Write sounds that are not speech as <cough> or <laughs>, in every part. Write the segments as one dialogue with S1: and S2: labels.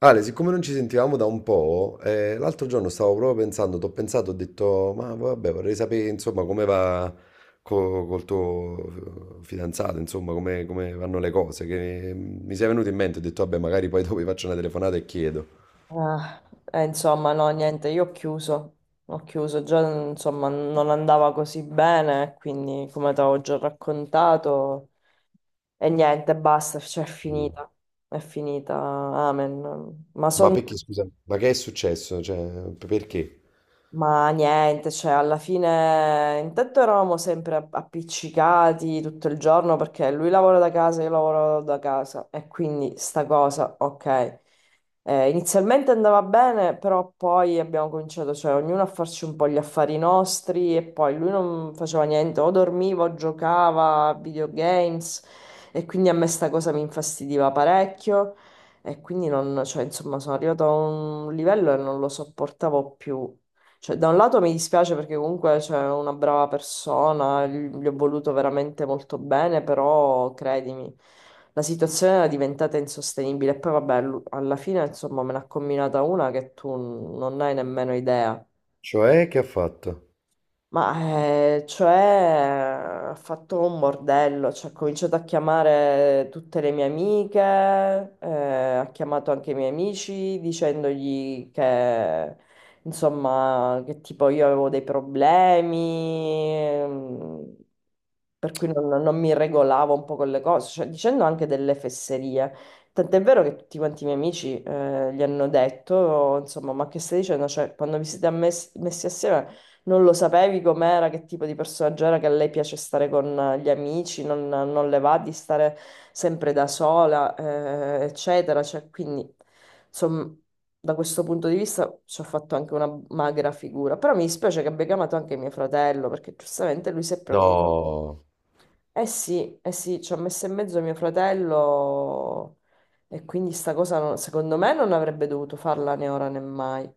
S1: Ale, siccome non ci sentivamo da un po', l'altro giorno stavo proprio pensando, t'ho pensato, ho detto, ma vabbè, vorrei sapere, insomma, come va col tuo fidanzato, insomma, come vanno le cose, che mi sei venuto in mente, ho detto, vabbè, magari poi dopo gli faccio una telefonata e chiedo.
S2: Ah, insomma, no, niente, io ho chiuso, già insomma non andava così bene, quindi come ti avevo già raccontato, e niente, basta, cioè
S1: Mm.
S2: è finita, amen.
S1: Ma perché, scusa, ma che è successo? Cioè, perché?
S2: Ma niente, cioè alla fine intanto eravamo sempre appiccicati tutto il giorno perché lui lavora da casa, io lavoro da casa e quindi sta cosa, ok. Inizialmente andava bene, però poi abbiamo cominciato, cioè ognuno a farci un po' gli affari nostri e poi lui non faceva niente, o dormiva o giocava a videogames e quindi a me sta cosa mi infastidiva parecchio e quindi non, cioè insomma sono arrivato a un livello e non lo sopportavo più. Cioè, da un lato mi dispiace perché comunque c'è una brava persona, gli ho voluto veramente molto bene, però credimi, la situazione era diventata insostenibile. E poi vabbè, alla fine insomma me ne ha combinata una che tu non hai nemmeno idea.
S1: Cioè, che ha fatto?
S2: Ma cioè ha fatto un bordello, cioè, ha cominciato a chiamare tutte le mie amiche, ha chiamato anche i miei amici dicendogli che insomma che tipo io avevo dei problemi, per cui non mi regolavo un po' con le cose, cioè, dicendo anche delle fesserie. Tant'è vero che tutti quanti i miei amici gli hanno detto, insomma, ma che stai dicendo? Cioè, quando vi siete messi assieme non lo sapevi com'era, che tipo di personaggio era, che a lei piace stare con gli amici, non le va di stare sempre da sola, eccetera. Cioè, quindi, insomma, da questo punto di vista ci ho fatto anche una magra figura. Però mi dispiace che abbia chiamato anche mio fratello, perché giustamente lui si è preoccupato.
S1: No.
S2: Sì, eh sì, ci ha messo in mezzo mio fratello e quindi sta cosa secondo me non avrebbe dovuto farla né ora né mai.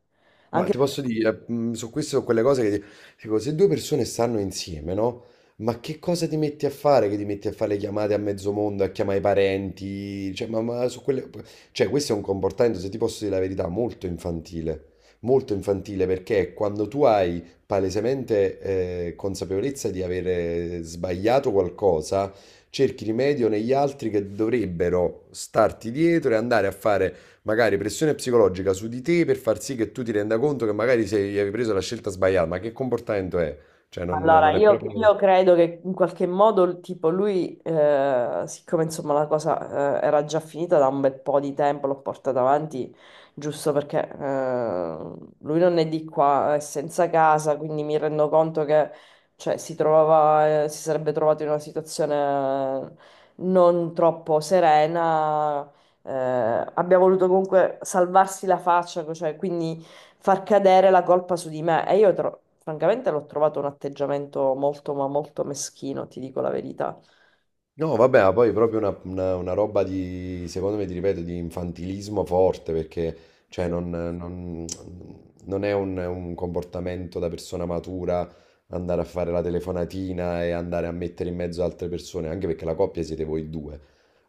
S1: Ma
S2: Anche
S1: ti posso dire, mm, su queste sono quelle cose che dico, se due persone stanno insieme, no? Ma che cosa ti metti a fare? Che ti metti a fare le chiamate a mezzo mondo, a chiamare i parenti? Cioè, ma su quelle, cioè, questo è un comportamento, se ti posso dire la verità, molto infantile. Molto infantile perché quando tu hai palesemente consapevolezza di avere sbagliato qualcosa, cerchi rimedio negli altri che dovrebbero starti dietro e andare a fare magari pressione psicologica su di te per far sì che tu ti renda conto che magari sei, avevi preso la scelta sbagliata, ma che comportamento è? Cioè,
S2: Allora,
S1: non è
S2: io,
S1: proprio.
S2: io credo che in qualche modo, tipo, lui, siccome insomma la cosa, era già finita da un bel po' di tempo, l'ho portata avanti giusto perché, lui non è di qua, è senza casa, quindi mi rendo conto che, cioè, si sarebbe trovato in una situazione non troppo serena. eh, Abbia voluto comunque salvarsi la faccia, cioè, quindi far cadere la colpa su di me. E io, francamente, l'ho trovato un atteggiamento molto, ma molto meschino, ti dico la verità.
S1: No, vabbè, ma poi proprio una roba di, secondo me, ti ripeto, di infantilismo forte, perché cioè,
S2: Sì,
S1: non è un comportamento da persona matura, andare a fare la telefonatina e andare a mettere in mezzo altre persone, anche perché la coppia siete voi due,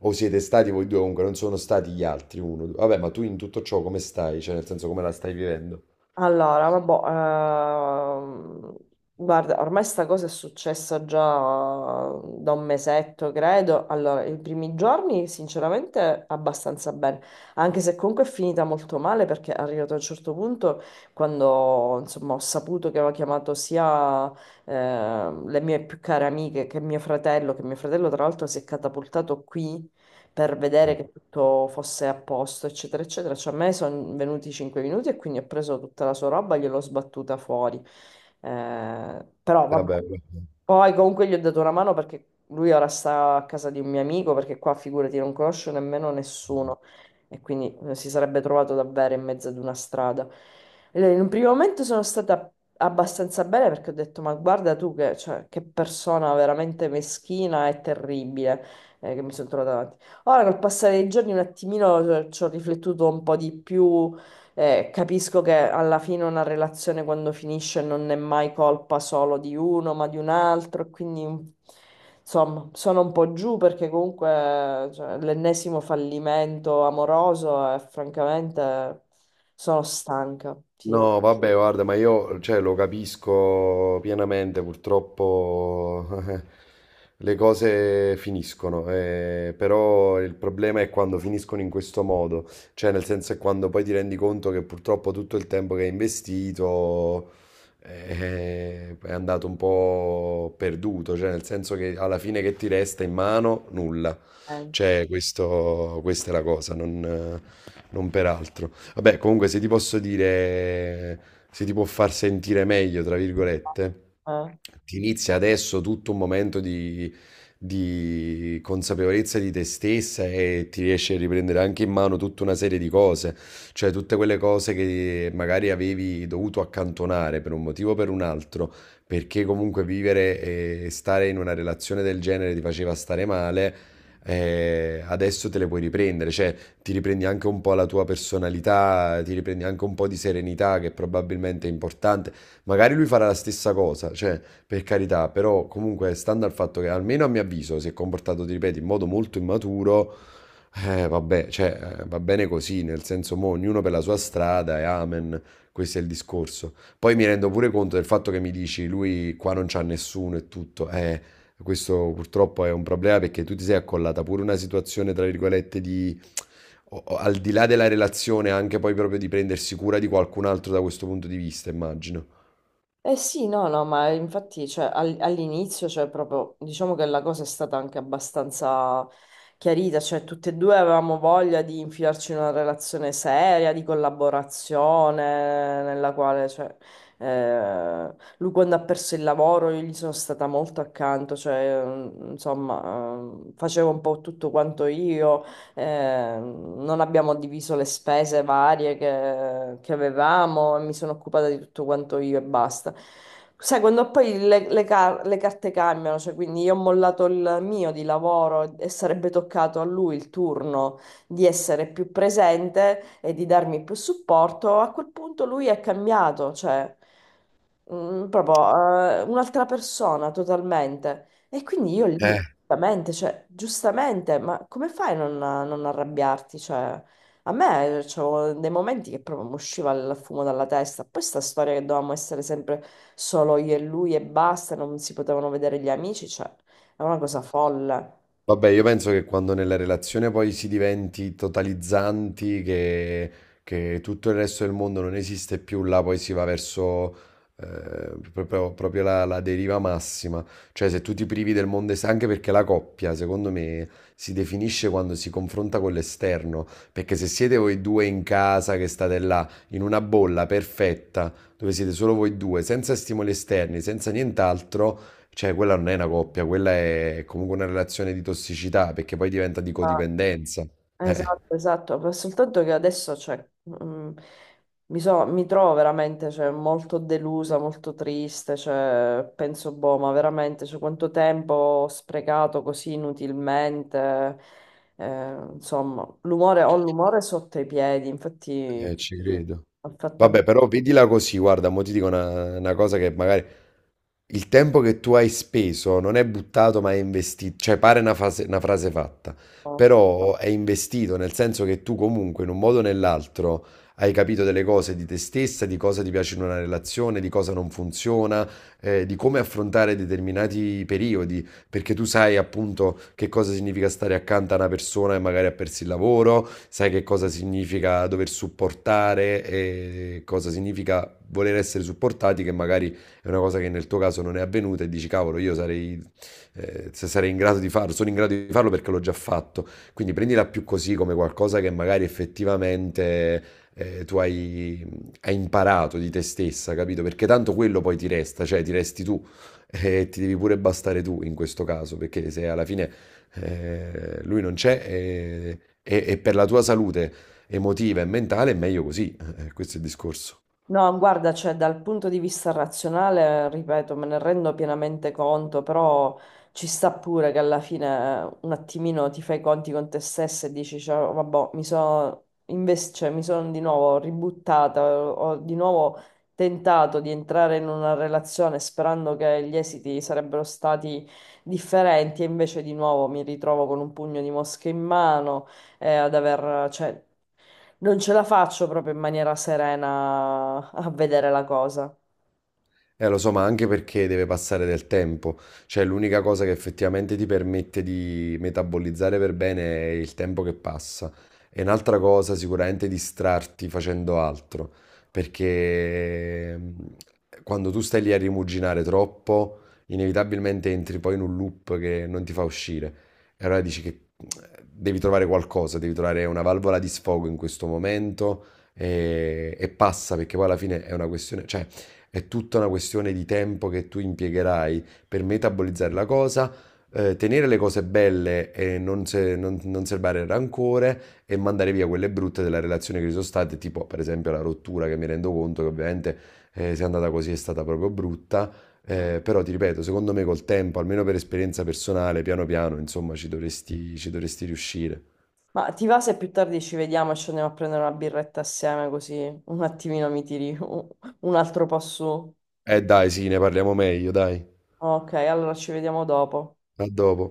S1: o siete stati voi due, comunque non sono stati gli altri uno. Vabbè, ma tu in tutto ciò come stai? Cioè, nel senso, come la stai vivendo?
S2: allora, vabbè, ehm, guarda, ormai sta cosa è successa già da un mesetto, credo. Allora, i primi giorni, sinceramente, abbastanza bene, anche se comunque è finita molto male perché è arrivato a un certo punto quando, insomma, ho saputo che aveva chiamato sia le mie più care amiche che mio fratello tra l'altro si è catapultato qui per vedere
S1: Eh,
S2: che tutto fosse a posto, eccetera, eccetera. Cioè, a me sono venuti 5 minuti e quindi ho preso tutta la sua roba e gliel'ho sbattuta fuori. Però vabbè.
S1: vabbè.
S2: Poi comunque gli ho dato una mano perché lui ora sta a casa di un mio amico, perché qua figurati non conosce nemmeno nessuno e quindi si sarebbe trovato davvero in mezzo ad una strada. E in un primo momento sono stata abbastanza bene perché ho detto ma guarda tu che, cioè, che persona veramente meschina e terribile che mi sono trovata davanti. Ora col passare dei giorni un attimino ci ho riflettuto un po' di più capisco che alla fine una relazione quando finisce non è mai colpa solo di uno, ma di un altro, e quindi insomma sono un po' giù perché comunque cioè, l'ennesimo fallimento amoroso e francamente sono stanca. Sì.
S1: No, vabbè, guarda, ma io, cioè, lo capisco pienamente, purtroppo <laughs> le cose finiscono, però il problema è quando finiscono in questo modo, cioè nel senso è quando poi ti rendi conto che purtroppo tutto il tempo che hai investito è andato un po' perduto, cioè nel senso che alla fine che ti resta in mano nulla.
S2: Eh,
S1: C'è questo, questa è la cosa, non peraltro. Vabbè, comunque se ti posso dire, se ti può far sentire meglio, tra virgolette,
S2: eh.
S1: ti inizia adesso tutto un momento di consapevolezza di te stessa e ti riesci a riprendere anche in mano tutta una serie di cose, cioè tutte quelle cose che magari avevi dovuto accantonare per un motivo o per un altro, perché comunque vivere e stare in una relazione del genere ti faceva stare male. Adesso te le puoi riprendere, cioè ti riprendi anche un po' la tua personalità, ti riprendi anche un po' di serenità che probabilmente è importante. Magari lui farà la stessa cosa, cioè per carità, però comunque stando al fatto che almeno a mio avviso si è comportato, ti ripeto, in modo molto immaturo, vabbè, cioè, va bene così, nel senso, mo, ognuno per la sua strada e amen, questo è il discorso. Poi mi rendo pure conto del fatto che mi dici, lui qua non c'ha nessuno e tutto, questo purtroppo è un problema perché tu ti sei accollata pure una situazione, tra virgolette, di, o al di là della relazione, anche poi proprio di prendersi cura di qualcun altro da questo punto di vista, immagino.
S2: Eh sì, no, no, ma infatti cioè, all'inizio cioè, proprio, diciamo che la cosa è stata anche abbastanza chiarita, cioè tutte e due avevamo voglia di infilarci in una relazione seria, di collaborazione, nella quale cioè, lui quando ha perso il lavoro io gli sono stata molto accanto, cioè, insomma, facevo un po' tutto quanto io, non abbiamo diviso le spese varie che avevamo e mi sono occupata di tutto quanto io e basta. Sai, quando poi le carte cambiano, cioè quindi io ho mollato il mio di lavoro e sarebbe toccato a lui il turno di essere più presente e di darmi più supporto, a quel punto lui è cambiato, cioè. Proprio un'altra persona totalmente. E quindi io lì,
S1: Eh,
S2: giustamente, cioè, giustamente, ma come fai a non arrabbiarti? Cioè, a me c'avevo dei momenti che proprio mi usciva il fumo dalla testa. Poi sta storia che dovevamo essere sempre solo io e lui e basta, non si potevano vedere gli amici, cioè, è una cosa folle.
S1: Vabbè, io penso che quando nella relazione poi si diventi totalizzanti, che tutto il resto del mondo non esiste più, là poi si va verso proprio, proprio la deriva massima. Cioè, se tu ti privi del mondo esterno, anche perché la coppia, secondo me, si definisce quando si confronta con l'esterno. Perché se siete voi due in casa, che state là, in una bolla perfetta, dove siete solo voi due, senza stimoli esterni, senza nient'altro, cioè, quella non è una coppia, quella è comunque una relazione di tossicità, perché poi diventa di codipendenza. Eh,
S2: Esatto, esatto, però soltanto che adesso cioè, mm, mi trovo veramente cioè, molto delusa, molto triste, cioè, penso, boh, ma veramente cioè, quanto tempo ho sprecato così inutilmente, insomma, ho l'umore sotto i piedi, infatti
S1: Ci credo.
S2: ho fatto anche.
S1: Vabbè, però vedila così, guarda, mo ti dico una cosa che magari il tempo che tu hai speso non è buttato, ma è investito. Cioè, pare una frase fatta,
S2: Un po'.
S1: però è investito, nel senso che tu comunque, in un modo o nell'altro, hai capito delle cose di te stessa, di cosa ti piace in una relazione, di cosa non funziona, di come affrontare determinati periodi, perché tu sai appunto che cosa significa stare accanto a una persona che magari ha perso il lavoro, sai che cosa significa dover supportare e cosa significa voler essere supportati, che magari è una cosa che nel tuo caso non è avvenuta e dici cavolo, io sarei, se sarei in grado di farlo, sono in grado di farlo perché l'ho già fatto. Quindi prendila più così, come qualcosa che magari effettivamente tu hai, hai imparato di te stessa, capito? Perché tanto quello poi ti resta, cioè ti resti tu e ti devi pure bastare tu in questo caso, perché se alla fine lui non c'è e per la tua salute emotiva e mentale è meglio così. Questo è il discorso.
S2: No, guarda, cioè dal punto di vista razionale, ripeto, me ne rendo pienamente conto, però ci sta pure che alla fine un attimino ti fai i conti con te stessa e dici, cioè, vabbè, mi sono cioè, mi sono di nuovo ributtata, ho di nuovo tentato di entrare in una relazione sperando che gli esiti sarebbero stati differenti e invece di nuovo mi ritrovo con un pugno di mosche in mano e ad aver, cioè, non ce la faccio proprio in maniera serena a vedere la cosa.
S1: Lo so, ma anche perché deve passare del tempo, cioè l'unica cosa che effettivamente ti permette di metabolizzare per bene è il tempo che passa. E un'altra cosa sicuramente è distrarti facendo altro, perché mm, quando tu stai lì a rimuginare troppo, inevitabilmente entri poi in un loop che non ti fa uscire. E allora dici che devi trovare qualcosa, devi trovare una valvola di sfogo in questo momento e passa, perché poi alla fine è una questione, cioè è tutta una questione di tempo che tu impiegherai per metabolizzare la cosa, tenere le cose belle e non, se- non, non serbare il rancore e mandare via quelle brutte della relazione che ci sono state, tipo per esempio la rottura che mi rendo conto che ovviamente se è andata così è stata proprio brutta, però ti ripeto, secondo me col tempo, almeno per esperienza personale, piano piano, insomma, ci dovresti riuscire.
S2: Ma ti va se più tardi ci vediamo e ci andiamo a prendere una birretta assieme così un attimino mi tiri un altro po' su?
S1: Dai, sì, ne parliamo meglio, dai.
S2: Ok, allora ci vediamo dopo.
S1: A dopo.